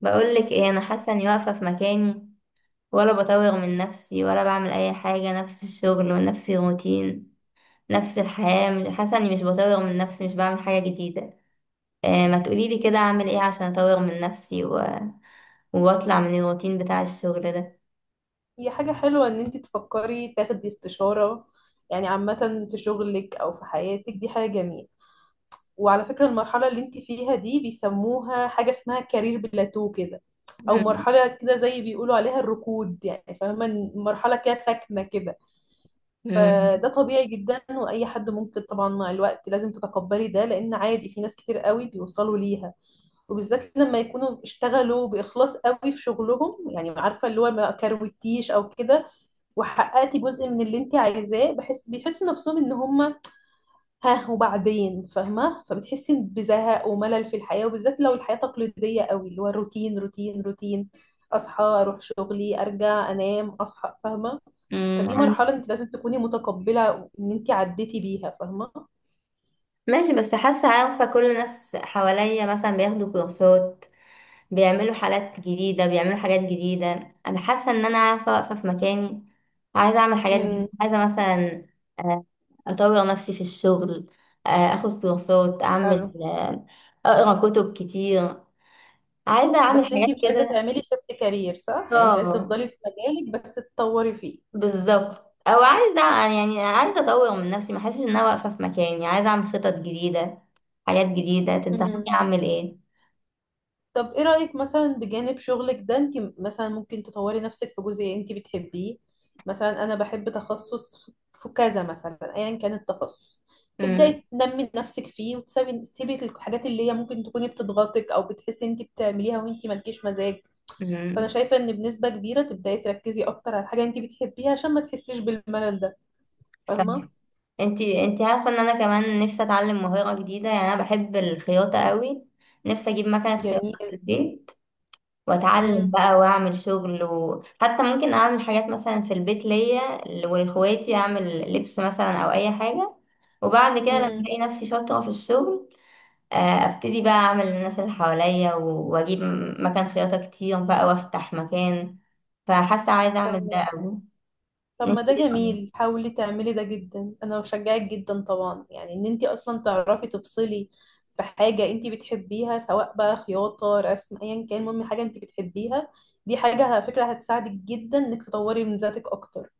بقولك ايه، انا حاسه اني واقفه في مكاني، ولا بطور من نفسي ولا بعمل اي حاجه. نفس الشغل ونفس الروتين نفس الحياه. مش حاسه اني، مش بطور من نفسي، مش بعمل حاجه جديده. آه ما تقوليلي كده بس اعمل ايه عشان اطور من نفسي و... واطلع من الروتين بتاع الشغل ده. هي حاجة حلوة ان انت تفكري تاخدي استشارة. عامة في شغلك او في حياتك دي حاجة جميلة. وعلى فكرة المرحلة اللي انت فيها دي بيسموها حاجة اسمها كارير بلاتو كده، او مم. مرحلة كده زي بيقولوا عليها الركود، فاهمة إن مرحلة كده ساكنة كده. مم. فده طبيعي جدا، واي حد ممكن طبعا مع الوقت لازم تتقبلي ده، لان عادي في ناس كتير قوي بيوصلوا ليها، وبالذات لما يكونوا اشتغلوا بإخلاص قوي في شغلهم، عارفة اللي هو ما كروتيش أو كده، وحققتي جزء من اللي انت عايزاه، بحس بيحسوا نفسهم ان هم، ها وبعدين، فاهمة. فبتحسي بزهق وملل في الحياة، وبالذات لو الحياة تقليدية قوي، اللي هو روتين روتين روتين، أصحى أروح شغلي أرجع أنام أصحى، فاهمة. مم. فدي مرحلة انت لازم تكوني متقبلة ان انت عديتي بيها، فاهمة. ماشي، بس حاسه، عارفه كل الناس حواليا مثلا بياخدوا كورسات، بيعملوا حالات جديدة، بيعملوا حاجات جديدة. أنا حاسة إن أنا، عارفة واقفة في مكاني، عايزة أعمل حاجات امم جديدة، عايزة مثلا آه، أطور نفسي في الشغل، أخد كورسات، أعمل، حلو. أقرأ كتب كتير، عايزة أعمل بس حاجات انتي مش عايزة كده. تعملي شفت كارير صح؟ يعني انت عايزة اه تفضلي في مجالك بس تطوري فيه. بالظبط، أو عايزة، يعني عايزة أطور من نفسي، ما أحسش إن أنا واقفة في مكاني، عايزة أعمل خطط جديدة، حاجات جديدة. تنصحيني مم. أعمل إيه؟ طب ايه رأيك، مثلا بجانب شغلك ده انت مثلا ممكن تطوري نفسك في جزء انت بتحبيه. مثلا انا بحب تخصص في كذا، مثلا ايا كان التخصص، تبداي تنمي نفسك فيه، وتسيبي الحاجات اللي هي ممكن تكوني بتضغطك او بتحسي انت بتعمليها وانت مالكيش مزاج. فانا امم، شايفة ان بنسبة كبيرة تبداي تركزي اكتر على الحاجة انت بتحبيها عشان ما تحسيش بالملل ده، فاهمة. انتي عارفة ان انا كمان نفسي اتعلم مهارة جديدة، يعني انا بحب الخياطة قوي، نفسي اجيب مكنة خياطة في جميل. البيت واتعلم بقى واعمل شغل، وحتى ممكن اعمل حاجات مثلا في البيت ليا ولاخواتي، اعمل لبس مثلا او اي حاجة. وبعد كده لما امم الاقي نفسي شاطرة في الشغل، ابتدي بقى اعمل للناس اللي حواليا، واجيب مكان خياطة كتير بقى، وافتح مكان. فحاسة عايزة اعمل ده فاهمك. قوي. طب ما انتي ده ايه رأيك؟ جميل، حاولي تعملي ده جدا، انا بشجعك جدا طبعا. يعني ان انت اصلا تعرفي تفصلي في حاجه انت بتحبيها، سواء بقى خياطه رسم ايا كان، المهم حاجه انت بتحبيها. دي حاجه على فكره هتساعدك جدا انك تطوري من ذاتك اكتر.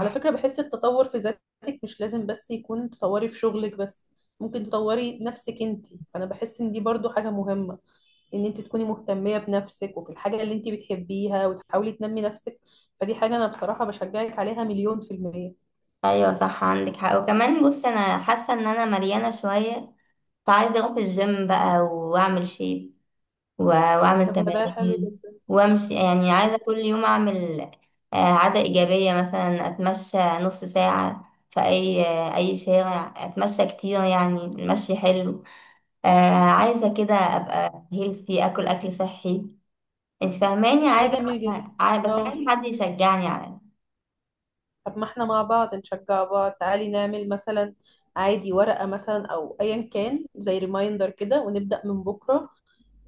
على فكرة بحس التطور في ذاتك مش لازم بس يكون تطوري في شغلك بس، ممكن تطوري نفسك انتي. فأنا بحس ان دي برضو حاجة مهمة، ان انت تكوني مهتمية بنفسك وفي الحاجة اللي انت بتحبيها وتحاولي تنمي نفسك. فدي حاجة انا بصراحة بشجعك عليها مليون في المية. ايوه صح عندك حق. وكمان بص، انا حاسه ان انا مليانه شويه، فعايزه اروح الجيم بقى واعمل شيب، واعمل طب ما ده حلو تمارين جدا. وامشي. يعني عايزه طب كل يوم اعمل عاده ايجابيه، مثلا اتمشى نص ساعه في اي، اي شارع، اتمشى كتير، يعني المشي حلو. آه، عايزه كده ابقى هيلثي، اكل اكل صحي. انت فاهماني، ده عايزه، جميل جدا. بس اه عايزه حد يشجعني على. طب ما احنا مع بعض نشجع بعض، تعالي نعمل مثلا عادي ورقة مثلا او ايا كان زي ريمايندر كده ونبدأ من بكرة.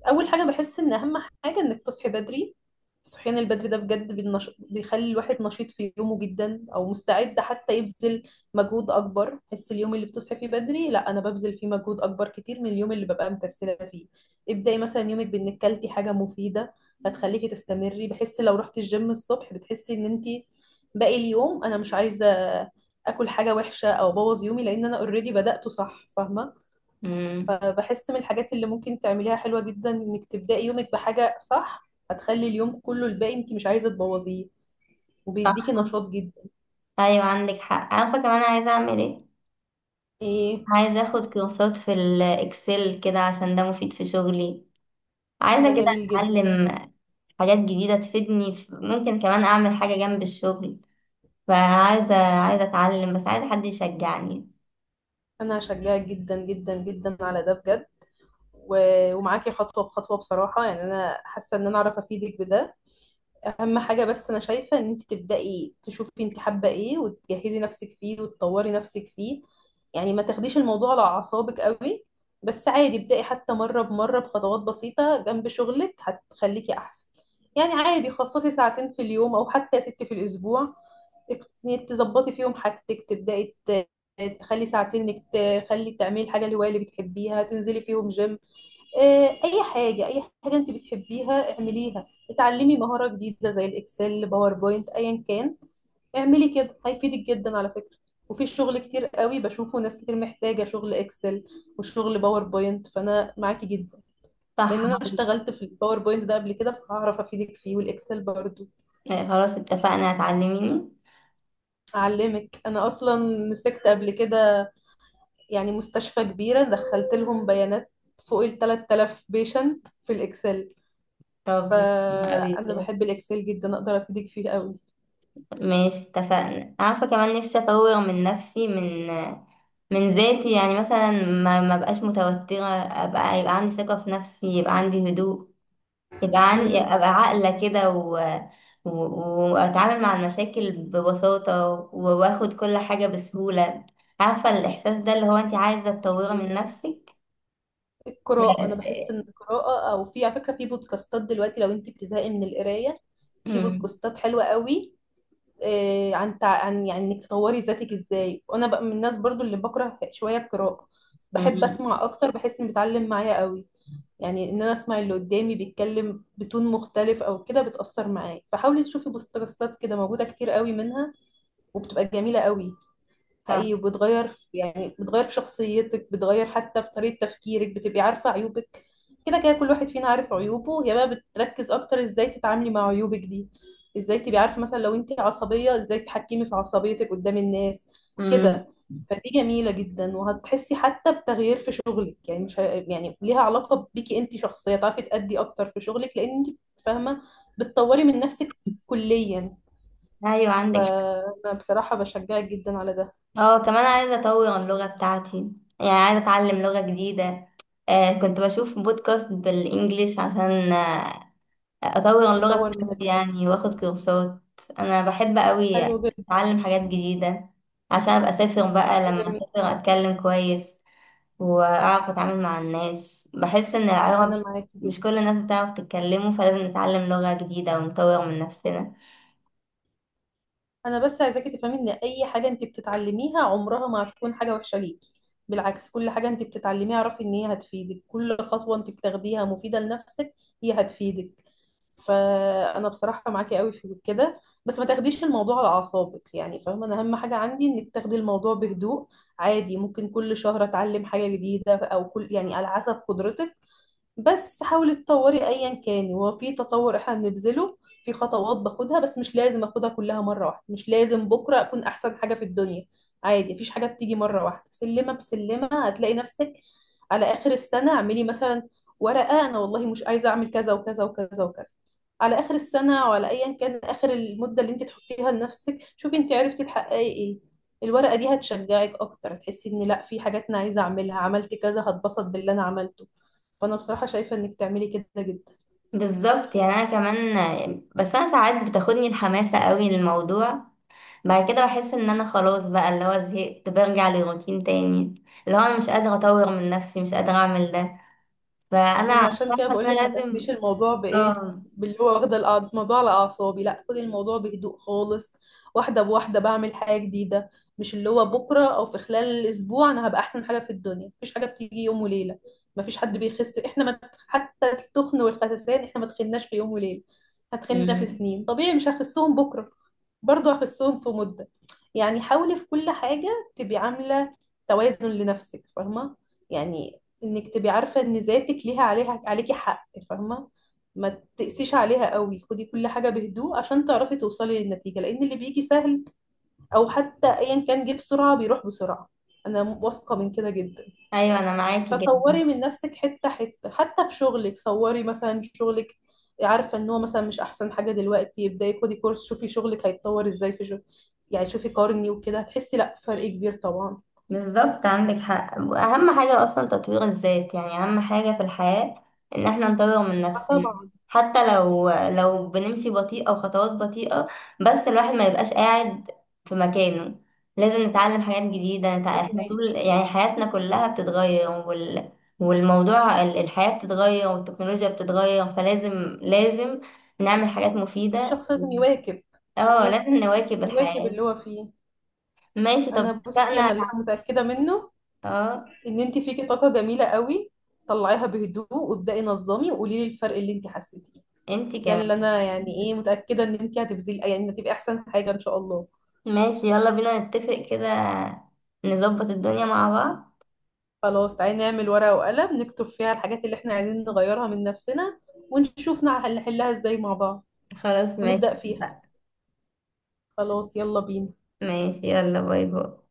اول حاجه بحس ان اهم حاجه انك تصحي بدري. الصحيان البدري ده بجد بيخلي الواحد نشيط في يومه جدا، او مستعد حتى يبذل مجهود اكبر. بحس اليوم اللي بتصحي فيه بدري لا، انا ببذل فيه مجهود اكبر كتير من اليوم اللي ببقى مكسله فيه. ابداي مثلا يومك بانك كلتي حاجه مفيده، هتخليكي تستمري. بحس لو رحتي الجيم الصبح بتحسي ان انت باقي اليوم انا مش عايزه اكل حاجه وحشه او ابوظ يومي، لان انا اوريدي بدأته صح، فاهمه. مم. فبحس من الحاجات اللي ممكن تعمليها حلوة جدا انك تبدأي يومك بحاجة صح، هتخلي اليوم كله الباقي انت مش عايزة تبوظيه، وبيديكي صح. نشاط جدا. ايوه عندك حق. عارفه كمان عايزه اعمل ايه؟ ايه. عايزه اخد كورسات في الاكسل كده، عشان ده مفيد في شغلي. ده عايزه كده جميل جدا. اتعلم حاجات جديده تفيدني في- ممكن كمان اعمل حاجه جنب الشغل. فعايزه اتعلم، بس عايزه حد يشجعني. انا هشجعك جدا جدا جدا على ده بجد، ومعاكي خطوة بخطوة بصراحة. يعني انا حاسة ان انا اعرف افيدك بده. اهم حاجه بس انا شايفه ان انت تبداي تشوفي انت حابه ايه وتجهزي نفسك فيه وتطوري نفسك فيه. يعني ما تاخديش الموضوع على اعصابك قوي، بس عادي ابداي حتى مره بمره بخطوات بسيطه جنب شغلك هتخليكي احسن. يعني عادي خصصي ساعتين في اليوم، او حتى ست في الاسبوع إنك تظبطي فيهم حاجتك. تخلي ساعتين انك تعملي الحاجه الهوايه اللي بتحبيها، تنزلي فيهم جيم، اي حاجه، اي حاجه انت بتحبيها اعمليها، اتعلمي مهاره جديده زي الاكسل باوربوينت ايا كان. اعملي كده هيفيدك جدا على فكره. وفي شغل كتير قوي بشوفه، ناس كتير محتاجه شغل اكسل وشغل باوربوينت، فانا معاكي جدا. صح. لان انا اشتغلت في الباوربوينت ده قبل كده، فهعرف افيدك فيه، والاكسل برضو. خلاص اتفقنا، هتعلميني. اعلمك انا اصلا مسكت قبل كده. يعني مستشفى كبيره دخلت لهم بيانات فوق ال 3000 بيشنت في الاكسل. طب، قوي فانا كده. بحب الاكسل جدا، اقدر افيدك فيه قوي. ماشي اتفقنا. عارفه كمان نفسي اطور من نفسي، من ذاتي، يعني مثلا ما بقاش متوتره، ابقى، يبقى عندي ثقه في نفسي، يبقى عندي هدوء، يبقى عن... مم. ابقى عاقله كده و... و... واتعامل مع المشاكل ببساطه و... واخد كل حاجه بسهوله. عارفه الاحساس ده، اللي هو انت عايزه تطوري من نفسك. القراءه، انا بحس ان القراءه، او في على فكره في بودكاستات دلوقتي لو انت بتزهقي من القرايه، في امم. بودكاستات حلوه قوي، عن انك تطوري ذاتك ازاي. وانا بقى من الناس برضو اللي بكره شويه القراءه، بحب امم. اسمع اكتر، بحس اني بتعلم معايا قوي. يعني ان انا اسمع اللي قدامي بيتكلم بتون مختلف او كده بتاثر معايا، فحاولي تشوفي بودكاستات كده، موجوده كتير قوي منها، وبتبقى جميله قوي صح. حقيقي. وبتغير في بتغير في شخصيتك، بتغير حتى في طريقة تفكيرك، بتبقي عارفة عيوبك. كده كده كل واحد فينا عارف عيوبه، هي بقى بتركز اكتر ازاي تتعاملي مع عيوبك دي. ازاي تبقي عارفة مثلا لو انت عصبية ازاي تتحكمي في عصبيتك قدام الناس امم. كده. فدي جميلة جدا، وهتحسي حتى بتغيير في شغلك. يعني مش ه... يعني ليها علاقة بيكي انت شخصية، تعرفي تأدي اكتر في شغلك، لان انت فاهمة بتطوري من نفسك كليا. ايوه عندك حق. فأنا بصراحة بشجعك جدا على ده. اه، كمان عايزه اطور اللغه بتاعتي، يعني عايزه اتعلم لغه جديده. آه كنت بشوف بودكاست بالانجليش عشان اطور اللغه نطور من بتاعتي، العلاقة. يعني واخد كورسات. انا بحب قوي حلو جدا. اتعلم حاجات جديده، عشان ابقى اسافر بقى، ده لما جميل. اسافر اتكلم كويس واعرف اتعامل مع الناس. بحس ان انا العربي معاكي جدا. مش كل الناس بتعرف تتكلمه، فلازم نتعلم لغه جديده ونطور من نفسنا. انا بس عايزاكي تفهمي ان اي حاجه انت بتتعلميها عمرها ما هتكون حاجه وحشه ليكي، بالعكس كل حاجه انت بتتعلميها اعرفي ان هي هتفيدك، كل خطوه انت بتاخديها مفيده لنفسك، هي هتفيدك. فانا بصراحه معاكي قوي في كده، بس ما تاخديش الموضوع على اعصابك، فاهمه، انا اهم حاجه عندي انك تاخدي الموضوع بهدوء. عادي ممكن كل شهر اتعلم حاجه جديده، او كل على حسب قدرتك. بس حاولي تطوري ايا كان، هو في تطور احنا بنبذله في خطوات باخدها، بس مش لازم اخدها كلها مره واحده، مش لازم بكره اكون احسن حاجه في الدنيا. عادي مفيش حاجه بتيجي مره واحده، سلمه بسلمه هتلاقي نفسك. على اخر السنه اعملي مثلا ورقه، انا والله مش عايزه اعمل كذا وكذا وكذا وكذا على اخر السنه، وعلى ايا كان اخر المده اللي انت تحطيها لنفسك، شوفي انت عرفتي تحققي ايه. الورقه دي هتشجعك اكتر، هتحسي ان لا في حاجات انا عايزه اعملها عملت كذا، هتبسط باللي انا عملته. فانا بصراحه شايفه انك تعملي كده جدا. بالظبط. يعني انا كمان، بس انا ساعات بتاخدني الحماسه قوي للموضوع، بعد كده بحس ان انا خلاص بقى، اللي هو زهقت، برجع للروتين تاني، اللي هو انا مش قادره اطور من نفسي، مش قادره اعمل ده. فانا ما انا عارفه عشان كده ان بقول انا لك ما لازم. تاخديش الموضوع بايه اه. باللي هو واخده الموضوع على اعصابي، لا خدي الموضوع بهدوء خالص، واحده بواحده بعمل حاجه جديده. مش اللي هو بكره او في خلال الاسبوع انا هبقى احسن حاجه في الدنيا، مفيش حاجه بتيجي يوم وليله. مفيش حد بيخس احنا ما، حتى التخن والخسسان احنا ما تخناش في يوم وليله، هتخنا في مم. سنين، طبيعي مش هخسهم بكره، برضو اخسهم في مدة. يعني حاولي في كل حاجة تبقي عاملة توازن لنفسك، فاهمة. يعني انك تبقي عارفة ان ذاتك ليها عليها عليكي حق، فاهمة. ما تقسيش عليها قوي، خدي كل حاجة بهدوء عشان تعرفي توصلي للنتيجة، لان اللي بيجي سهل او حتى ايا كان جه بسرعة بيروح بسرعة، انا واثقة من كده جدا. ايوه انا معاكي جدا. فطوري من نفسك حتة حتة، حتى في شغلك صوري مثلا شغلك عارفة ان هو مثلا مش احسن حاجة دلوقتي، ابداي خدي كورس شوفي شغلك هيتطور ازاي في شغل. شوفي قارني وكده هتحسي لا فرق كبير طبعا. بالظبط عندك حق، اهم حاجة اصلا تطوير الذات، يعني اهم حاجة في الحياة ان احنا نطور من آه نفسنا، طبعا. حتى لو بنمشي بطيئة وخطوات بطيئة، بس الواحد ما يبقاش قاعد في مكانه. لازم نتعلم حاجات جديدة، احنا فهماكي. طول يعني حياتنا كلها بتتغير، والموضوع الحياة بتتغير والتكنولوجيا بتتغير، فلازم لازم نعمل حاجات مفيدة. الشخص لازم يواكب. اه لازم بالظبط. نواكب يواكب الحياة. اللي هو فيه. ماشي طب، انا بصي، اتفقنا. انا اللي أنا متأكدة منه اه ان انت فيكي طاقة جميلة قوي، طلعيها بهدوء وابدأي نظمي وقولي لي الفرق اللي انت حسيتيه. انتي ده اللي كمان. انا يعني ايه متأكدة ان انت هتبذلي، هتبقي احسن حاجة ان شاء الله. ماشي يلا بينا نتفق كده، نظبط الدنيا مع بعض. خلاص تعالي نعمل ورقة وقلم، نكتب فيها الحاجات اللي احنا عايزين نغيرها من نفسنا، ونشوف نحلها ازاي مع بعض، خلاص ماشي ونبدأ فيها. اتفقنا. خلاص يلا بينا. ماشي يلا، باي باي.